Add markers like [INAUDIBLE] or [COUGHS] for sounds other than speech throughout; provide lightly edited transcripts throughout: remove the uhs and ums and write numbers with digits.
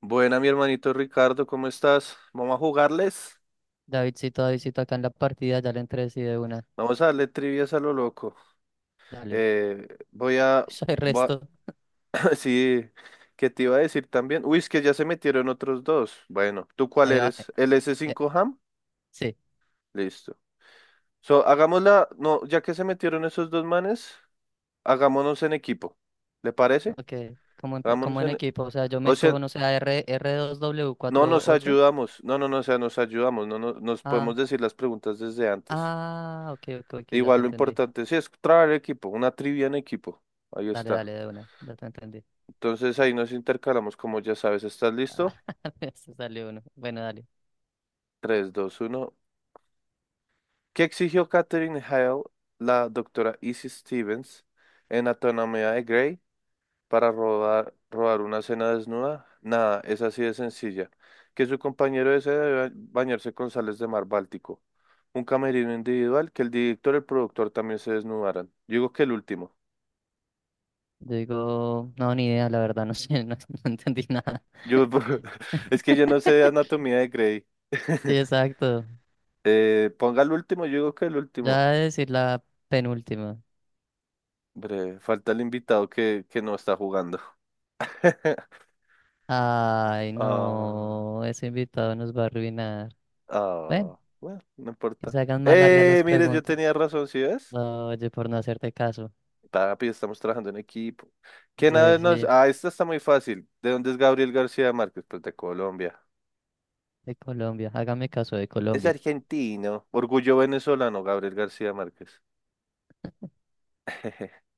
Buena, mi hermanito Ricardo, ¿cómo estás? Vamos a jugarles. Davidcito, Davidcito, acá en la partida ya le entré sí de una. Vamos a darle trivias a lo loco. Dale. Eh, voy a, [LAUGHS] Eso, soy voy resto. a- [COUGHS] [LAUGHS] Sí, ¿qué te iba a decir también? Uy, es que ya se metieron otros dos. Bueno, ¿tú cuál Ahí va. Eres? ¿El s eh, 5 ham? Sí, Listo. So, hagámosla. No, ya que se metieron esos dos manes, hagámonos en equipo. ¿Le parece? ok. Como en, como Hagámonos en en. equipo, o sea, yo me O sea, escojo, no sé, a R, no nos R2W48. ayudamos. No, no, no, o sea, nos ayudamos. No, no, nos Ah, podemos decir las preguntas desde antes. ah, ok, ok, ok, ya te Igual lo entendí. importante sí es trabajar en equipo, una trivia en equipo. Ahí Dale, está. dale, de una, ya te entendí. Entonces ahí nos intercalamos, como ya sabes. ¿Estás Ah, listo? [LAUGHS] se salió uno. Bueno, dale. Tres, dos, uno. ¿Qué exigió Catherine Hale, la doctora Izzy Stevens, en Anatomía de Grey para robar una cena desnuda? Nada, es así de sencilla. Que su compañero desee debe bañarse con sales de mar Báltico. Un camerino individual, que el director y el productor también se desnudaran. Yo digo que el último. Yo digo, no, ni idea, la verdad, no [LAUGHS] sé, no, no entendí nada. Yo, [LAUGHS] es que yo no sé [LAUGHS] Anatomía de Grey. Sí, [LAUGHS] exacto. Ponga el último, yo digo que el Ya último. voy a decir la penúltima. Hombre, falta el invitado que no está jugando. [LAUGHS] Ay, Ah, no, ese invitado nos va a arruinar. Ven, ah, bueno, no que importa. se hagan más largas las Mire, yo preguntas. tenía razón, ¿sí ves? No, oye, por no hacerte caso. Papi, estamos trabajando en equipo. ¿Quién De, a- nos...? sí, Ah, esta está muy fácil. ¿De dónde es Gabriel García Márquez? Pues de Colombia. de Colombia, hágame caso de Es Colombia. argentino. Orgullo venezolano, Gabriel García Márquez. [LAUGHS]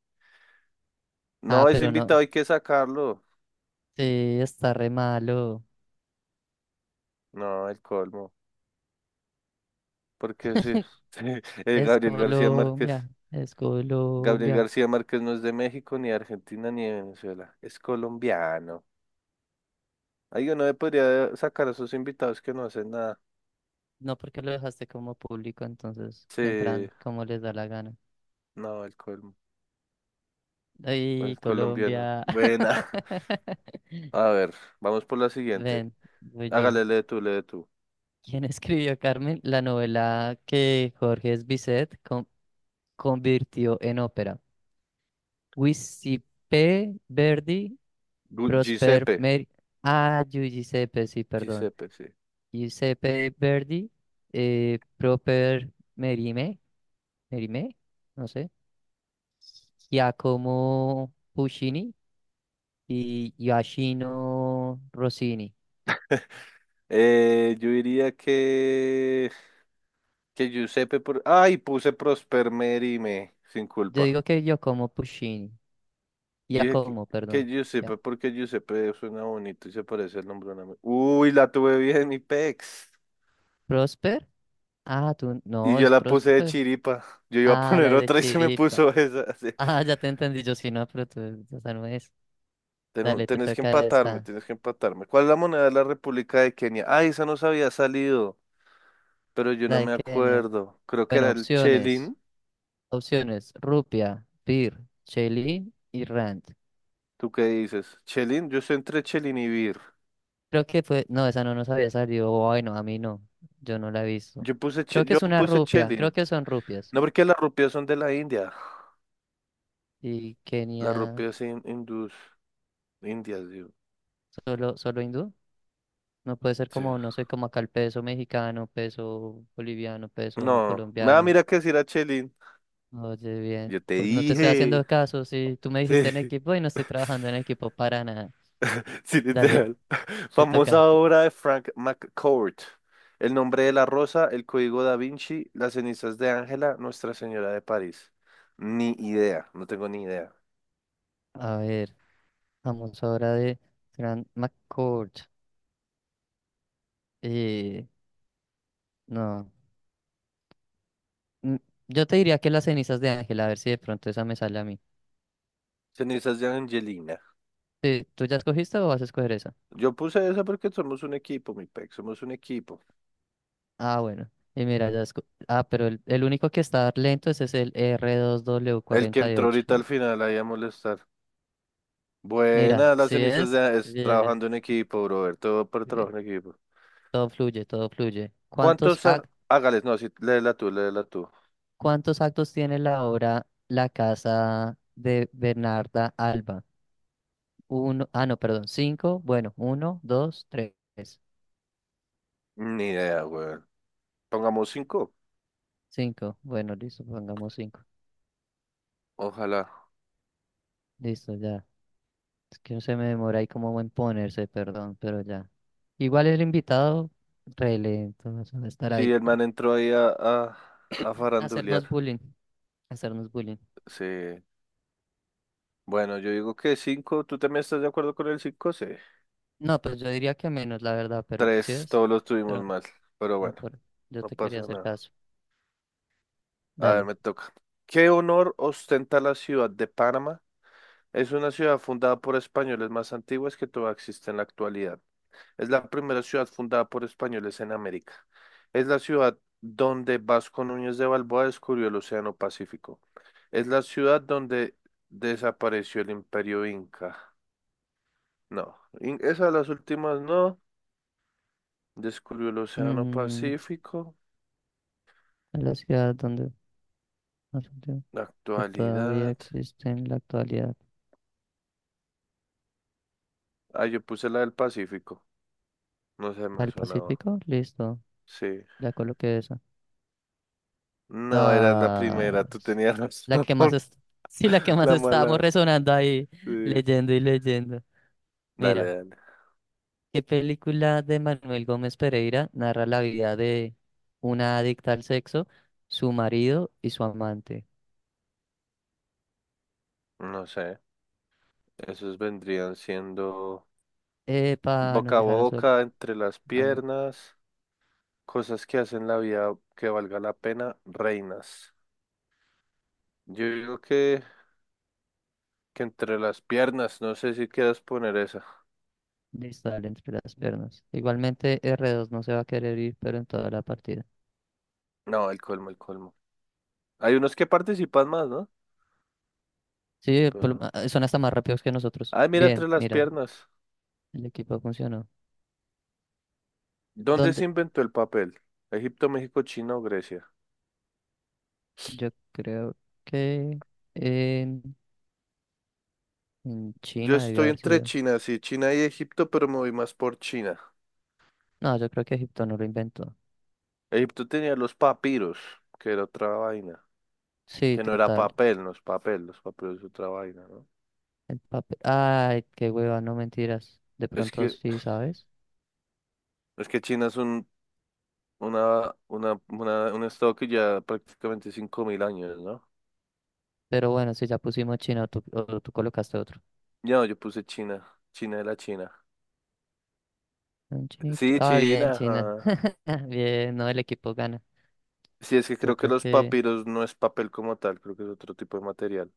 Ah, No, ese pero no, invitado hay que sacarlo. sí, está re malo. No, el colmo. Porque sí, [LAUGHS] [LAUGHS] Es Gabriel García Márquez. Colombia, es Gabriel Colombia. García Márquez no es de México, ni de Argentina, ni de Venezuela. Es colombiano. Ahí uno le podría sacar a sus invitados que no hacen nada. No porque lo dejaste como público, entonces Sí, entran como les da la gana. no, Ay, el colombiano. Colombia. Buena. [LAUGHS] [LAUGHS] A ver, vamos por la siguiente. Ven, voy yo. Hágale, lee tú. ¿Quién escribió Carmen? La novela que Jorge Bizet convirtió en ópera. Giuseppe Verdi, Prosper Giuseppe. Meri... Ah, Giuseppe, sí, perdón. Giuseppe, sí. Giuseppe Verdi, Proper Merime, Merime, no sé. Giacomo Puccini y Giacchino Rossini. Yo diría que... Que Giuseppe por... Ay, puse Prosper Merime, sin Yo culpa. digo que Giacomo Puccini. Yo dije Giacomo, que perdón. Ya. Giuseppe, porque Giuseppe suena bonito y se parece al nombre de un amigo. Uy, la tuve bien, mi pex. Prosper. Ah, tú, Y no, yo es la puse de Prosper. chiripa. Yo iba a Ah, la poner de otra y se me Chiripa. puso [LAUGHS] [LAUGHS] esa. Así. Ah, ya te entendí. Yo sí, no, pero tú, esa no es. Dale, te Tenés que toca empatarme, esta. tienes que empatarme. ¿Cuál es la moneda de la República de Kenia? Ah, esa nos había salido, pero yo La no de me Kenia. acuerdo. Creo que Bueno, era el opciones. chelín. Opciones. Rupia, Pir, Cheli y Rand. ¿Tú qué dices? ¿Chelín? Yo estoy entre chelín y bir. Creo que fue. No, esa no nos había salido. Bueno, a mí no. Yo no la he visto. Yo puse, Creo que yo es una puse rupia. Creo chelín. que son rupias. No, porque las rupias son de la India. Y Las Kenia, hindús. Indias, digo. solo, solo hindú. No puede ser Sí. como, no sé, como acá el peso mexicano, peso boliviano, peso No, nada, colombiano. mira que si era chelín. Oye, bien. Yo te Pues no te estoy dije. haciendo caso. Si tú me dijiste en Sí, equipo y no estoy trabajando en equipo para nada. [LAUGHS] sí, Dale, literal. te Famosa toca. obra de Frank McCourt. El nombre de la rosa, el código Da Vinci, las cenizas de Ángela, Nuestra Señora de París. Ni idea, no tengo ni idea. A ver, vamos ahora de Grant McCord. Eh, no. mm, Yo te diría que las cenizas de Ángel, a ver si de pronto esa me sale a mí. Cenizas de Angelina. Sí, ¿tú ya escogiste o vas a escoger esa? Yo puse esa porque somos un equipo, mi pec, somos un equipo. Ah, bueno. Y mira, ah, pero el único que está lento ese es el r dos w El que cuarenta y entró ocho. ahorita al final ahí a molestar. Mira, Buena, las si cenizas es. de... Es Bien, trabajando en equipo, brother, todo por trabajo bien. en equipo. Todo fluye, todo fluye. ¿Cuántos ¿Cuántos? Actos? Hágales, no, sí, léela tú. ¿Cuántos actos tiene la obra La casa de Bernarda Alba? Uno, ah, no, perdón, cinco. Bueno, uno, dos, tres. Ni idea, weón. Pongamos cinco. Cinco. Bueno, listo, pongamos cinco. Ojalá. Listo, ya. Es que no se me demora ahí como en ponerse, perdón, pero ya. Igual el invitado, re lento, o sea, va a estar Sí, ahí. el man entró ahí a [CLEARS THROAT] farandulear. Hacernos bullying, hacernos bullying. Sí. Bueno, yo digo que cinco. ¿Tú también estás de acuerdo con el cinco? Sí. No, pues yo diría que menos, la verdad, pero sí Tres, es. todos los tuvimos Pero mal. Pero no, bueno, yo no te quería pasa hacer nada. caso. A ver, Dale. me toca. ¿Qué honor ostenta la ciudad de Panamá? Es una ciudad fundada por españoles más antiguas que todavía existe en la actualidad. Es la primera ciudad fundada por españoles en América. Es la ciudad donde Vasco Núñez de Balboa descubrió el Océano Pacífico. Es la ciudad donde desapareció el Imperio Inca. No, esas las últimas no. Descubrió el Océano Mm, Pacífico. a la ciudad donde... que todavía Actualidad. existe en la actualidad. Ah, yo puse la del Pacífico. No se me ¿El sonaba. Pacífico? Listo, Sí. ya coloqué esa. No, era la Ah, primera. Tú tenías la razón. que más es... [LAUGHS] Sí, la que [LAUGHS] más La estábamos mala. resonando ahí, [LAUGHS] Sí. leyendo y leyendo. Dale, Mira, dale. ¿qué película de Manuel Gómez Pereira narra la vida de una adicta al sexo, su marido y su amante? No sé. Esos vendrían siendo Epa, nos boca a dejaron solo. boca, entre las Ah, no. piernas, cosas que hacen la vida que valga la pena, reinas. Yo digo que entre las piernas, no sé si quieras poner esa. Listo, dale entre las piernas. Igualmente r dos no se va a querer ir, pero en toda la partida. No, el colmo, el colmo. Hay unos que participan más, ¿no? Sí, por lo Pero... son hasta más rápidos que nosotros. Ay, mira, Bien, entre las mira, piernas. el equipo funcionó. ¿Dónde se ¿Dónde? inventó el papel? ¿Egipto, México, China o Grecia? Yo creo que en, en Yo China debió estoy haber entre sido. China, sí, China y Egipto, pero me voy más por China. No, yo creo que Egipto no lo inventó. Egipto tenía los papiros, que era otra vaina. Sí, Que no era total. papel, no es papel, los papeles es otra vaina, ¿no? El papel. Ay, qué hueva, no mentiras. De Es pronto que, sí, ¿sabes? es que China es un estado que ya prácticamente 5.000 años, ¿no? Pero bueno, si ya pusimos China o tú, colocaste otro. No, yo puse China, China de la China. Un chinito. Sí, Ah, bien, China, China. ajá. [LAUGHS] Bien, no, el equipo gana. Sí, es que Yo creo que creo los que. papiros no es papel como tal, creo que es otro tipo de material.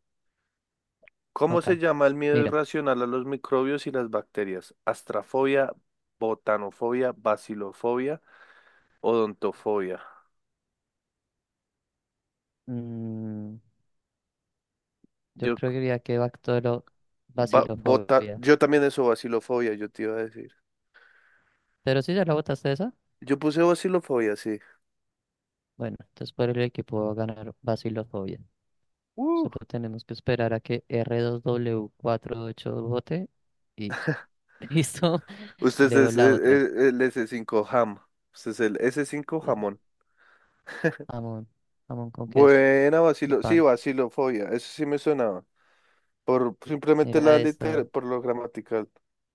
¿Cómo Ok, se llama el miedo mira. irracional a los microbios y las bacterias? ¿Astrafobia, botanofobia, bacilofobia, odontofobia? mm, Yo Yo creo que diría que Bacilofobia. Yo también eso, vacilofobia, yo te iba a decir. Pero si ya la votaste esa, Yo puse vacilofobia, sí. bueno, entonces por el equipo va a ganar Bacilofobia. Uh. Solo tenemos que esperar a que r 2 w cuatro ocho vote y [LAUGHS] listo, Usted leo es, es- la otra. es- el S5 ham. Usted es el s cinco Bien. jamón. Jamón, jamón con queso Buena y vacilo, sí, pan. vacilofobia, eso sí me sonaba. Por simplemente la Mira esta. liter, por lo gramatical.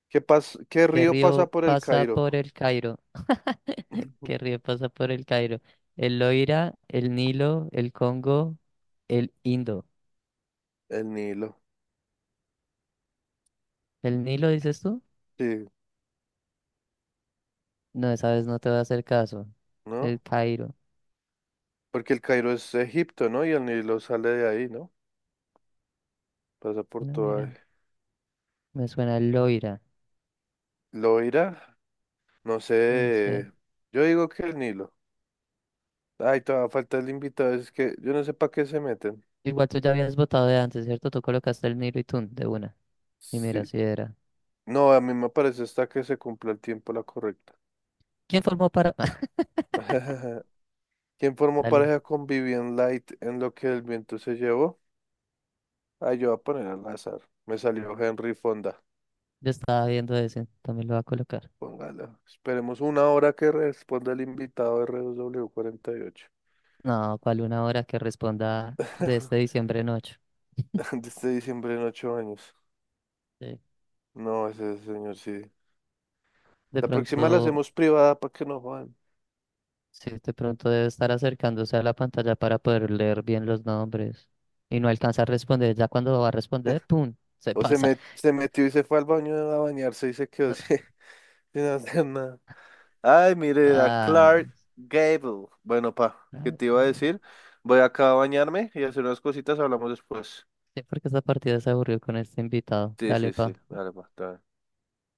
¿Qué ¿Qué río pasa río por el pasa Cairo? por el Cairo? ¿Qué [LAUGHS] río pasa por el Cairo? ¿El Loira, el Nilo, el Congo, el Indo? El Nilo. ¿El Nilo dices tú? Sí, No, esa vez no te voy a hacer caso. ¿no? El Cairo. Porque el Cairo es Egipto, ¿no? Y el Nilo sale de ahí, ¿no? Pasa por toda. Loira. Me suena Loira. ¿Loira? No No sé. sé. Yo digo que el Nilo. Ay, todavía falta el invitado, es que yo no sé para qué se meten. Igual tú ya habías votado de antes, ¿cierto? Tú colocaste el Niro y Tun de una. Y mira, Sí. si era. No, a mí me parece hasta que se cumpla el tiempo la correcta. ¿Quién formó para...? [LAUGHS] [LAUGHS] ¿Quién formó Dale. pareja con Vivian Light en Lo que el viento se llevó? Ah, yo voy a poner al azar. Me salió Henry Fonda. Yo estaba viendo ese. También lo voy a colocar. Póngala. Esperemos una hora que responda el invitado R dos W RW48. No, ¿cuál una hora que responda de este [LAUGHS] diciembre en 8 años? De este diciembre en ocho años. Sí. No, ese señor sí. De La próxima la pronto... hacemos privada para que no jodan. Sí, de pronto debe estar acercándose a la pantalla para poder leer bien los nombres. Y no alcanza a responder. Ya cuando va a responder, [LAUGHS] ¡pum! Se O se, pasa. Se metió y se fue al baño a bañarse y se quedó No. sin, [LAUGHS] sin hacer nada. Ay, mire, era Ah. Clark Gable. Bueno, pa, ¿qué Ah, te iba a decir? Voy acá a bañarme y hacer unas cositas, hablamos después. sí, porque esta partida se aburrió con este invitado. Sí, sí, Dale, sí. pa. Dale, pa, está bien.